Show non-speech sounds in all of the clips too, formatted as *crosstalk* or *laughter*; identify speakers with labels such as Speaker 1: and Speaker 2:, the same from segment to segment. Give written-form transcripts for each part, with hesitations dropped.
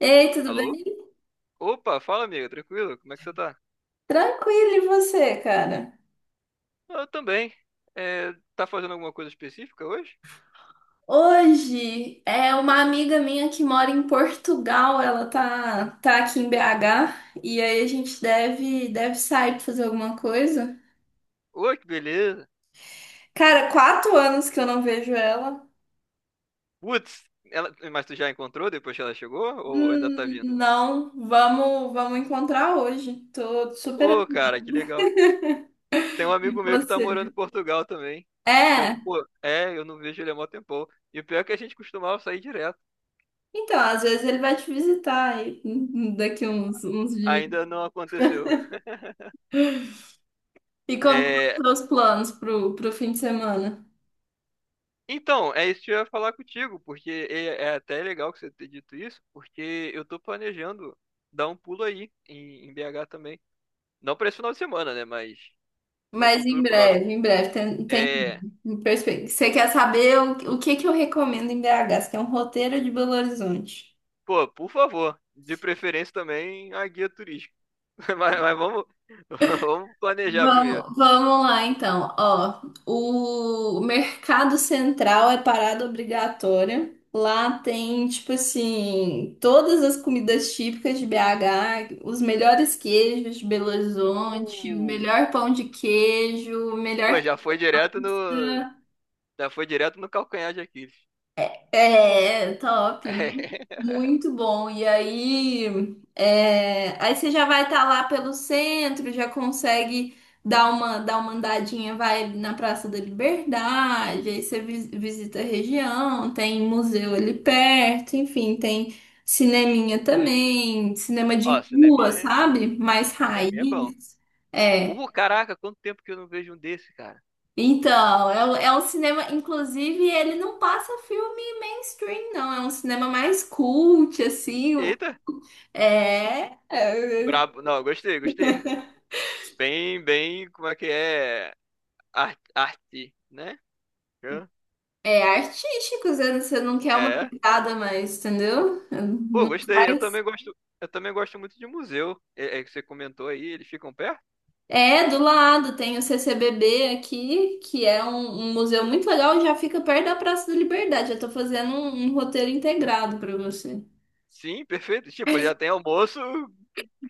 Speaker 1: Ei, tudo
Speaker 2: Alô?
Speaker 1: bem?
Speaker 2: Opa, fala amiga, tranquilo? Como é que você tá?
Speaker 1: Tranquilo, e você, cara?
Speaker 2: Ah, eu também. É, tá fazendo alguma coisa específica hoje?
Speaker 1: Hoje é uma amiga minha que mora em Portugal, ela tá aqui em BH e aí a gente deve sair pra fazer alguma coisa.
Speaker 2: Oi, que beleza.
Speaker 1: Cara, 4 anos que eu não vejo ela.
Speaker 2: Putz, ela... mas tu já encontrou depois que ela chegou? Ou ainda tá vindo?
Speaker 1: Não, vamos encontrar hoje. Tô super
Speaker 2: Ô,
Speaker 1: animada
Speaker 2: cara, que legal. Tem um
Speaker 1: com
Speaker 2: amigo meu que tá morando
Speaker 1: você.
Speaker 2: em Portugal também. Que eu,
Speaker 1: É,
Speaker 2: pô, é, eu não vejo ele há mó tempão. E o pior é que a gente costumava sair direto.
Speaker 1: então, às vezes ele vai te visitar aí, daqui uns dias.
Speaker 2: Ainda não aconteceu.
Speaker 1: E como
Speaker 2: É,
Speaker 1: estão os planos pro fim de semana?
Speaker 2: então, é isso que eu ia falar contigo, porque é, é até legal que você ter dito isso, porque eu tô planejando dar um pulo aí em BH também. Não para esse final de semana, né? Mas num
Speaker 1: Mas
Speaker 2: futuro próximo.
Speaker 1: em breve, tem, tem
Speaker 2: É,
Speaker 1: em perspe- Você quer saber o que que eu recomendo em BH? Você tem um roteiro de Belo Horizonte.
Speaker 2: pô, por favor, de preferência também a guia turística. *laughs* Mas vamos, *laughs* vamos planejar primeiro.
Speaker 1: Vamos lá então. Ó, o Mercado Central é parada obrigatória. Lá tem, tipo assim, todas as comidas típicas de BH, os melhores queijos de Belo Horizonte, o
Speaker 2: Uh,
Speaker 1: melhor pão de queijo, o
Speaker 2: pô,
Speaker 1: melhor.
Speaker 2: já foi direto no, já foi direto no calcanhar de Aquiles.
Speaker 1: É, top.
Speaker 2: *laughs*
Speaker 1: Muito bom. E aí, aí você já vai estar lá pelo centro, já consegue dar uma andadinha, vai ali na Praça da Liberdade, aí você visita a região, tem museu ali perto, enfim, tem cineminha também, cinema de
Speaker 2: Ó,
Speaker 1: rua, sabe? Mais
Speaker 2: cineminha é bom.
Speaker 1: raiz. É.
Speaker 2: Pô, caraca, quanto tempo que eu não vejo um desse, cara.
Speaker 1: Então, é um cinema, inclusive, ele não passa filme mainstream, não. É um cinema mais cult, assim.
Speaker 2: Eita!
Speaker 1: É, é,
Speaker 2: Brabo. Não, gostei, gostei. Bem, bem, como é que é? Ar- Arte, né? Hã?
Speaker 1: é artístico, você não quer uma
Speaker 2: É.
Speaker 1: pegada mais, entendeu?
Speaker 2: Pô,
Speaker 1: Não
Speaker 2: gostei.
Speaker 1: faz.
Speaker 2: Eu também gosto muito de museu. É, é que você comentou aí, eles ficam perto?
Speaker 1: É, do lado tem o CCBB aqui, que é um museu muito legal, e já fica perto da Praça da Liberdade. Eu tô fazendo um roteiro integrado para você.
Speaker 2: Sim, perfeito. Tipo, já
Speaker 1: *laughs*
Speaker 2: tem almoço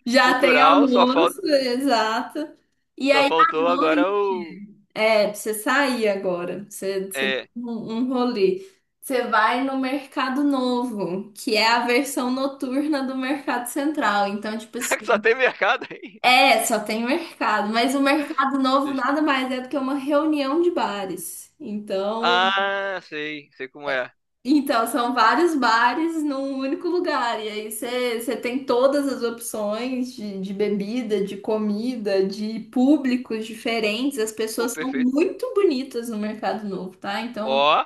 Speaker 1: Já tem
Speaker 2: cultural, só falta,
Speaker 1: almoço, exato. E
Speaker 2: só
Speaker 1: aí, à
Speaker 2: faltou agora
Speaker 1: noite.
Speaker 2: o
Speaker 1: É, pra você sair agora. Pra você dá
Speaker 2: é,
Speaker 1: um rolê. Você vai no Mercado Novo, que é a versão noturna do Mercado Central. Então, tipo
Speaker 2: *laughs*
Speaker 1: assim,
Speaker 2: só tem mercado aí.
Speaker 1: só tem mercado. Mas o Mercado
Speaker 2: *laughs*
Speaker 1: Novo nada mais é do que uma reunião de bares. Então,
Speaker 2: Ah, sei, sei como é.
Speaker 1: então são vários bares num único lugar. E aí você tem todas as opções de bebida, de comida, de públicos diferentes. As
Speaker 2: Pô,
Speaker 1: pessoas são
Speaker 2: perfeito.
Speaker 1: muito bonitas no Mercado Novo, tá? Então.
Speaker 2: Ó,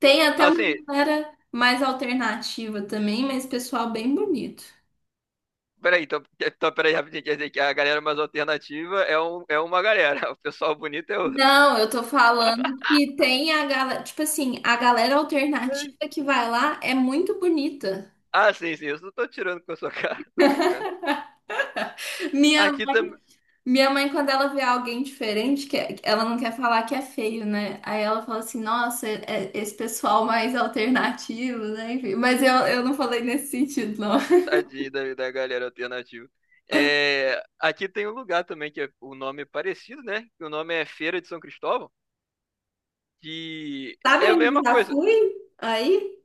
Speaker 1: Tem até uma
Speaker 2: assim,
Speaker 1: galera mais alternativa também, mas pessoal bem bonito.
Speaker 2: peraí, então, então peraí, rapidinho, quer dizer que a galera mais alternativa é, um, é uma galera, *laughs* o pessoal bonito é outro.
Speaker 1: Não, eu tô falando
Speaker 2: *laughs*
Speaker 1: que tem a galera, tipo assim, a galera alternativa que vai lá é muito bonita.
Speaker 2: Ah, sim, sim, eu só tô tirando com a sua *laughs* cara, tô brincando.
Speaker 1: Minha,
Speaker 2: Aqui também,
Speaker 1: minha mãe, quando ela vê alguém diferente, que ela não quer falar que é feio, né? Aí ela fala assim, nossa, é esse pessoal mais alternativo, né? Enfim, mas eu não falei nesse sentido, não. *laughs*
Speaker 2: tadinho da, da galera alternativa. É, aqui tem um lugar também que é, o nome é parecido, né? Que o nome é Feira de São Cristóvão, que
Speaker 1: Sabe
Speaker 2: é a
Speaker 1: onde eu
Speaker 2: mesma
Speaker 1: já
Speaker 2: coisa.
Speaker 1: fui? Aí?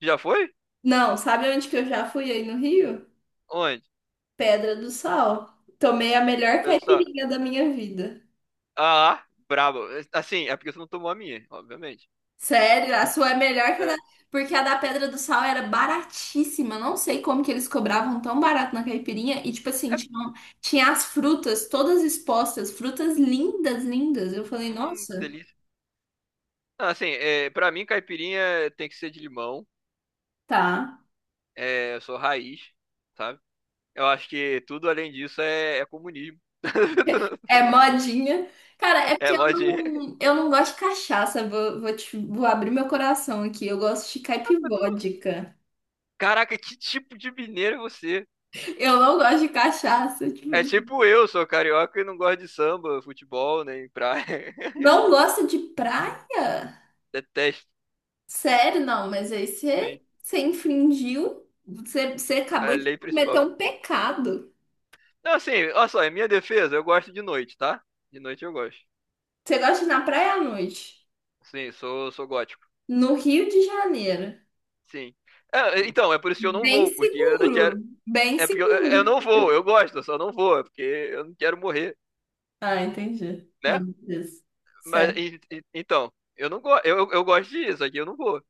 Speaker 2: Já foi?
Speaker 1: Não, sabe onde que eu já fui aí no Rio?
Speaker 2: Onde?
Speaker 1: Pedra do Sal. Tomei a melhor
Speaker 2: Olha só.
Speaker 1: caipirinha da minha vida.
Speaker 2: Ah, brabo. Assim, é porque você não tomou a minha, obviamente.
Speaker 1: Sério, a sua é melhor que a da.
Speaker 2: Sério.
Speaker 1: Porque a da Pedra do Sal era baratíssima. Não sei como que eles cobravam tão barato na caipirinha. E, tipo assim,
Speaker 2: É,
Speaker 1: tinha as frutas todas expostas. Frutas lindas, lindas. Eu falei, nossa,
Speaker 2: delícia. Não, assim, é, pra mim, caipirinha é, tem que ser de limão.
Speaker 1: tá.
Speaker 2: É, eu sou raiz, sabe? Eu acho que tudo além disso é, é comunismo.
Speaker 1: É
Speaker 2: *laughs*
Speaker 1: modinha. Cara, é
Speaker 2: É
Speaker 1: porque eu
Speaker 2: modinha.
Speaker 1: não, eu não gosto de cachaça. Vou abrir meu coração aqui. Eu gosto de
Speaker 2: Ah, mas tu não-
Speaker 1: caipivódica.
Speaker 2: Caraca, que tipo de mineiro é você?
Speaker 1: Eu não gosto de cachaça. Tipo.
Speaker 2: É tipo eu, sou carioca e não gosto de samba, futebol, nem praia. *laughs*
Speaker 1: Não gosta de praia?
Speaker 2: Detesto,
Speaker 1: Sério, não, mas aí
Speaker 2: sim.
Speaker 1: você infringiu, você
Speaker 2: É
Speaker 1: acabou
Speaker 2: a
Speaker 1: de
Speaker 2: lei
Speaker 1: cometer
Speaker 2: principal.
Speaker 1: um pecado.
Speaker 2: Não, assim, olha só, em minha defesa, eu gosto de noite, tá? De noite eu gosto.
Speaker 1: Você gosta de ir na praia à noite,
Speaker 2: Sim, sou, sou gótico.
Speaker 1: no Rio de Janeiro.
Speaker 2: Sim. É, então, é por isso que eu não
Speaker 1: Bem
Speaker 2: vou, porque eu não quero.
Speaker 1: seguro, bem
Speaker 2: É porque eu
Speaker 1: seguro.
Speaker 2: não vou, eu gosto, eu só não vou, é porque eu não quero morrer,
Speaker 1: Ah, entendi.
Speaker 2: né?
Speaker 1: Não, isso.
Speaker 2: Mas
Speaker 1: Sério.
Speaker 2: e- então, eu não gosto, eu gosto disso, aqui eu não vou.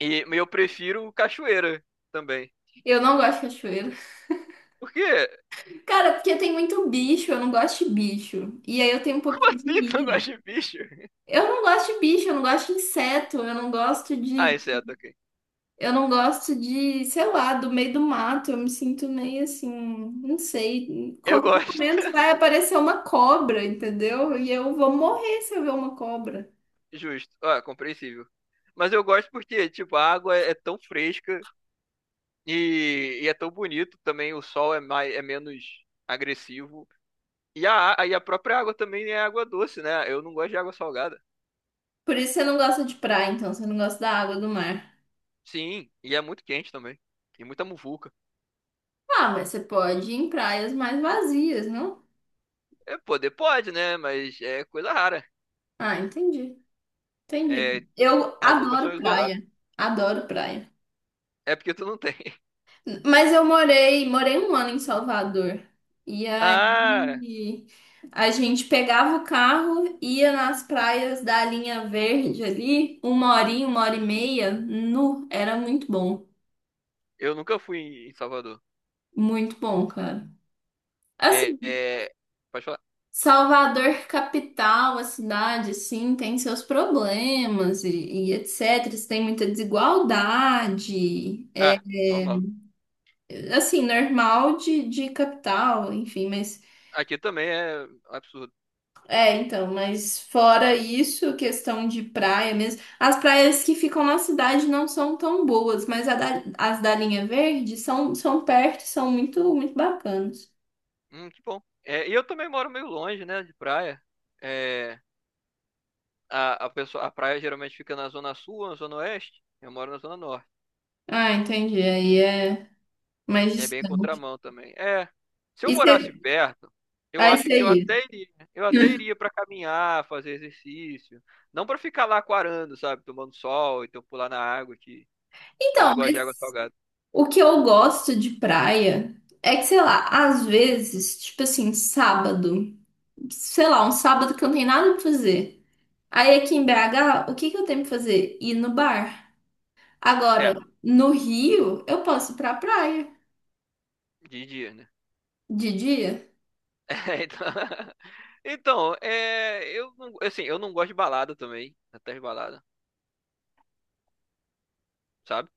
Speaker 2: E eu prefiro cachoeira também.
Speaker 1: Eu não gosto de cachoeiro.
Speaker 2: Por quê? *laughs*
Speaker 1: Cara, porque tem muito bicho, eu não gosto de bicho. E aí eu tenho um pouco
Speaker 2: Como
Speaker 1: de
Speaker 2: assim tu não
Speaker 1: agonia.
Speaker 2: gosta de bicho? *laughs*
Speaker 1: Eu não gosto de bicho, eu não gosto de inseto,
Speaker 2: Ah, exceto, ok.
Speaker 1: Eu não gosto de, sei lá, do meio do mato. Eu me sinto meio assim, não sei. Em
Speaker 2: Eu
Speaker 1: qualquer
Speaker 2: gosto.
Speaker 1: momento
Speaker 2: *laughs*
Speaker 1: vai aparecer uma cobra, entendeu? E eu vou morrer se eu ver uma cobra.
Speaker 2: Justo. Ah, compreensível. Mas eu gosto porque, tipo, a água é tão fresca e é tão bonito também, o sol é mais, é menos agressivo. E a- e a própria água também é água doce, né? Eu não gosto de água salgada.
Speaker 1: Por isso você não gosta de praia, então. Você não gosta da água do mar.
Speaker 2: Sim, e é muito quente também. E muita muvuca.
Speaker 1: Ah, mas você pode ir em praias mais vazias, não?
Speaker 2: É, poder pode, né? Mas é coisa rara.
Speaker 1: Ah, entendi.
Speaker 2: É,
Speaker 1: Entendi. Eu
Speaker 2: algumas são
Speaker 1: adoro
Speaker 2: isoladas.
Speaker 1: praia. Adoro praia.
Speaker 2: É porque tu não tem. *laughs*
Speaker 1: Mas eu morei um ano em Salvador. E
Speaker 2: Ah,
Speaker 1: aí a gente pegava o carro, ia nas praias da Linha Verde ali, uma horinha, uma hora e meia, era muito bom.
Speaker 2: eu nunca fui em Salvador.
Speaker 1: Muito bom, cara.
Speaker 2: É,
Speaker 1: Assim,
Speaker 2: é, pode falar.
Speaker 1: Salvador, capital, a cidade, sim, tem seus problemas e etc. Tem muita desigualdade,
Speaker 2: Ah, normal.
Speaker 1: assim, normal de capital, enfim, mas.
Speaker 2: Aqui também é absurdo.
Speaker 1: É, então, mas fora isso, questão de praia mesmo. As praias que ficam na cidade não são tão boas, mas as da linha verde são perto, e são muito, muito bacanas.
Speaker 2: Que bom. É, e eu também moro meio longe, né, de praia. É, a pessoa, a praia geralmente fica na zona sul, na zona oeste. Eu moro na zona norte.
Speaker 1: Ah, entendi. Aí é mais
Speaker 2: É bem
Speaker 1: distante.
Speaker 2: contramão também. É, se eu
Speaker 1: E você,
Speaker 2: morasse perto, eu
Speaker 1: aí
Speaker 2: acho
Speaker 1: você
Speaker 2: que eu
Speaker 1: ia.
Speaker 2: até iria. Eu até
Speaker 1: *laughs*
Speaker 2: iria pra caminhar, fazer exercício, não pra ficar lá quarando, sabe, tomando sol, então pular na água que eu não
Speaker 1: Então,
Speaker 2: gosto de água
Speaker 1: mas
Speaker 2: salgada.
Speaker 1: o que eu gosto de praia é que, sei lá, às vezes, tipo assim, sábado, sei lá, um sábado que eu não tenho nada pra fazer. Aí aqui em BH, o que que eu tenho pra fazer? Ir no bar. Agora,
Speaker 2: É,
Speaker 1: no Rio, eu posso ir pra praia
Speaker 2: de dia, né?
Speaker 1: de dia.
Speaker 2: *laughs* É, então, *laughs* então, é, eu não, assim, eu não gosto de balada também, até de balada, sabe?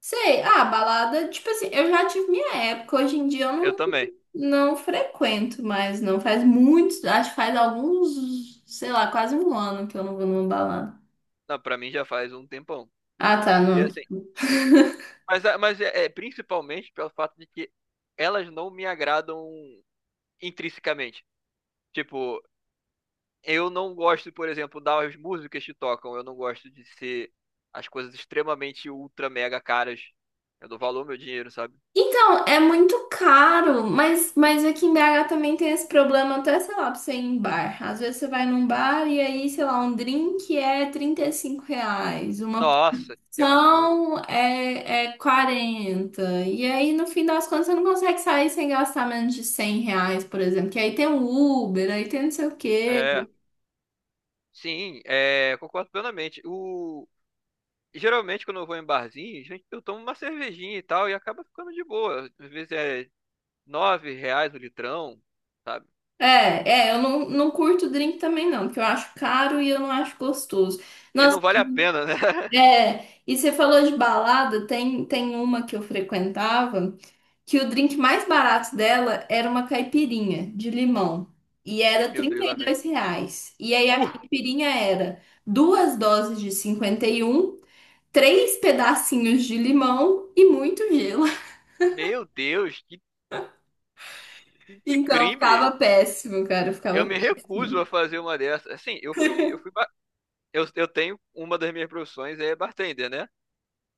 Speaker 1: Sei, ah, balada, tipo assim, eu já tive minha época, hoje em dia eu
Speaker 2: Eu
Speaker 1: não,
Speaker 2: também.
Speaker 1: não frequento mas não faz muitos, acho que faz alguns, sei lá, quase um ano que eu não vou numa balada.
Speaker 2: Não, para mim já faz um tempão.
Speaker 1: Ah, tá,
Speaker 2: E
Speaker 1: não.
Speaker 2: assim,
Speaker 1: *laughs*
Speaker 2: mas a- mas é principalmente pelo fato de que elas não me agradam intrinsecamente. Tipo, eu não gosto, por exemplo, das músicas que tocam. Eu não gosto de ser as coisas extremamente ultra mega caras. Eu dou valor ao meu dinheiro, sabe?
Speaker 1: Então, é muito caro, mas aqui em BH também tem esse problema, até, sei lá, pra você ir em bar. Às vezes você vai num bar e aí, sei lá, um drink é R$ 35, uma.
Speaker 2: Nossa, que absurdo.
Speaker 1: São é 40. E aí, no fim das contas, você não consegue sair sem gastar menos de R$ 100, por exemplo. Que aí tem o Uber, aí tem não sei o quê.
Speaker 2: É, sim, é, concordo plenamente. O, geralmente, quando eu vou em barzinho, gente, eu tomo uma cervejinha e tal, e acaba ficando de boa. Às vezes é 9 reais o litrão, sabe?
Speaker 1: É, eu não curto drink também, não, porque eu acho caro e eu não acho gostoso.
Speaker 2: E
Speaker 1: Nossa,
Speaker 2: não vale a pena, né? *laughs*
Speaker 1: e você falou de balada, tem uma que eu frequentava. Que o drink mais barato dela era uma caipirinha de limão. E era
Speaker 2: Meu
Speaker 1: trinta
Speaker 2: Deus, lá
Speaker 1: e
Speaker 2: vem.
Speaker 1: dois reais. E aí a
Speaker 2: Uh,
Speaker 1: caipirinha era duas doses de 51, três pedacinhos de limão e muito gelo. *laughs*
Speaker 2: meu Deus, que
Speaker 1: Então
Speaker 2: crime!
Speaker 1: ficava péssimo, cara.
Speaker 2: Eu
Speaker 1: Ficava
Speaker 2: me recuso
Speaker 1: péssimo.
Speaker 2: a fazer uma dessas. Assim, eu fui, ba- eu tenho uma das minhas profissões é bartender, né?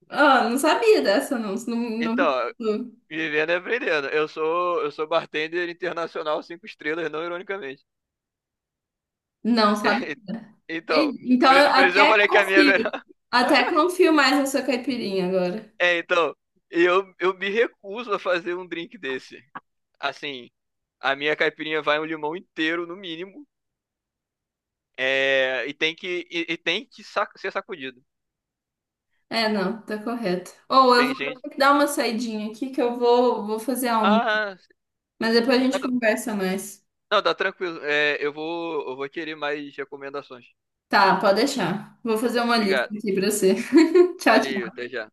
Speaker 1: Ah, não sabia dessa, não. Não,
Speaker 2: Então,
Speaker 1: não,
Speaker 2: vivendo e aprendendo. Eu sou bartender internacional 5 estrelas, não ironicamente.
Speaker 1: não sabia.
Speaker 2: *laughs* Então,
Speaker 1: Então eu
Speaker 2: por isso eu
Speaker 1: até
Speaker 2: falei que a minha é
Speaker 1: confio.
Speaker 2: melhor.
Speaker 1: Até confio mais na sua caipirinha agora.
Speaker 2: É, então, eu me recuso a fazer um drink desse. Assim, a minha caipirinha vai um limão inteiro, no mínimo. É, e tem que sac- ser sacudido.
Speaker 1: É, não, tá correto. Ou eu vou
Speaker 2: Tem gente.
Speaker 1: ter que dar uma saidinha aqui que eu vou fazer a.
Speaker 2: Ah,
Speaker 1: Mas depois a gente conversa mais.
Speaker 2: não, tá tranquilo. É, eu vou querer mais recomendações.
Speaker 1: Tá, pode deixar. Vou fazer uma lista
Speaker 2: Obrigado.
Speaker 1: aqui pra você. *laughs* Tchau,
Speaker 2: Valeu,
Speaker 1: tchau.
Speaker 2: até já.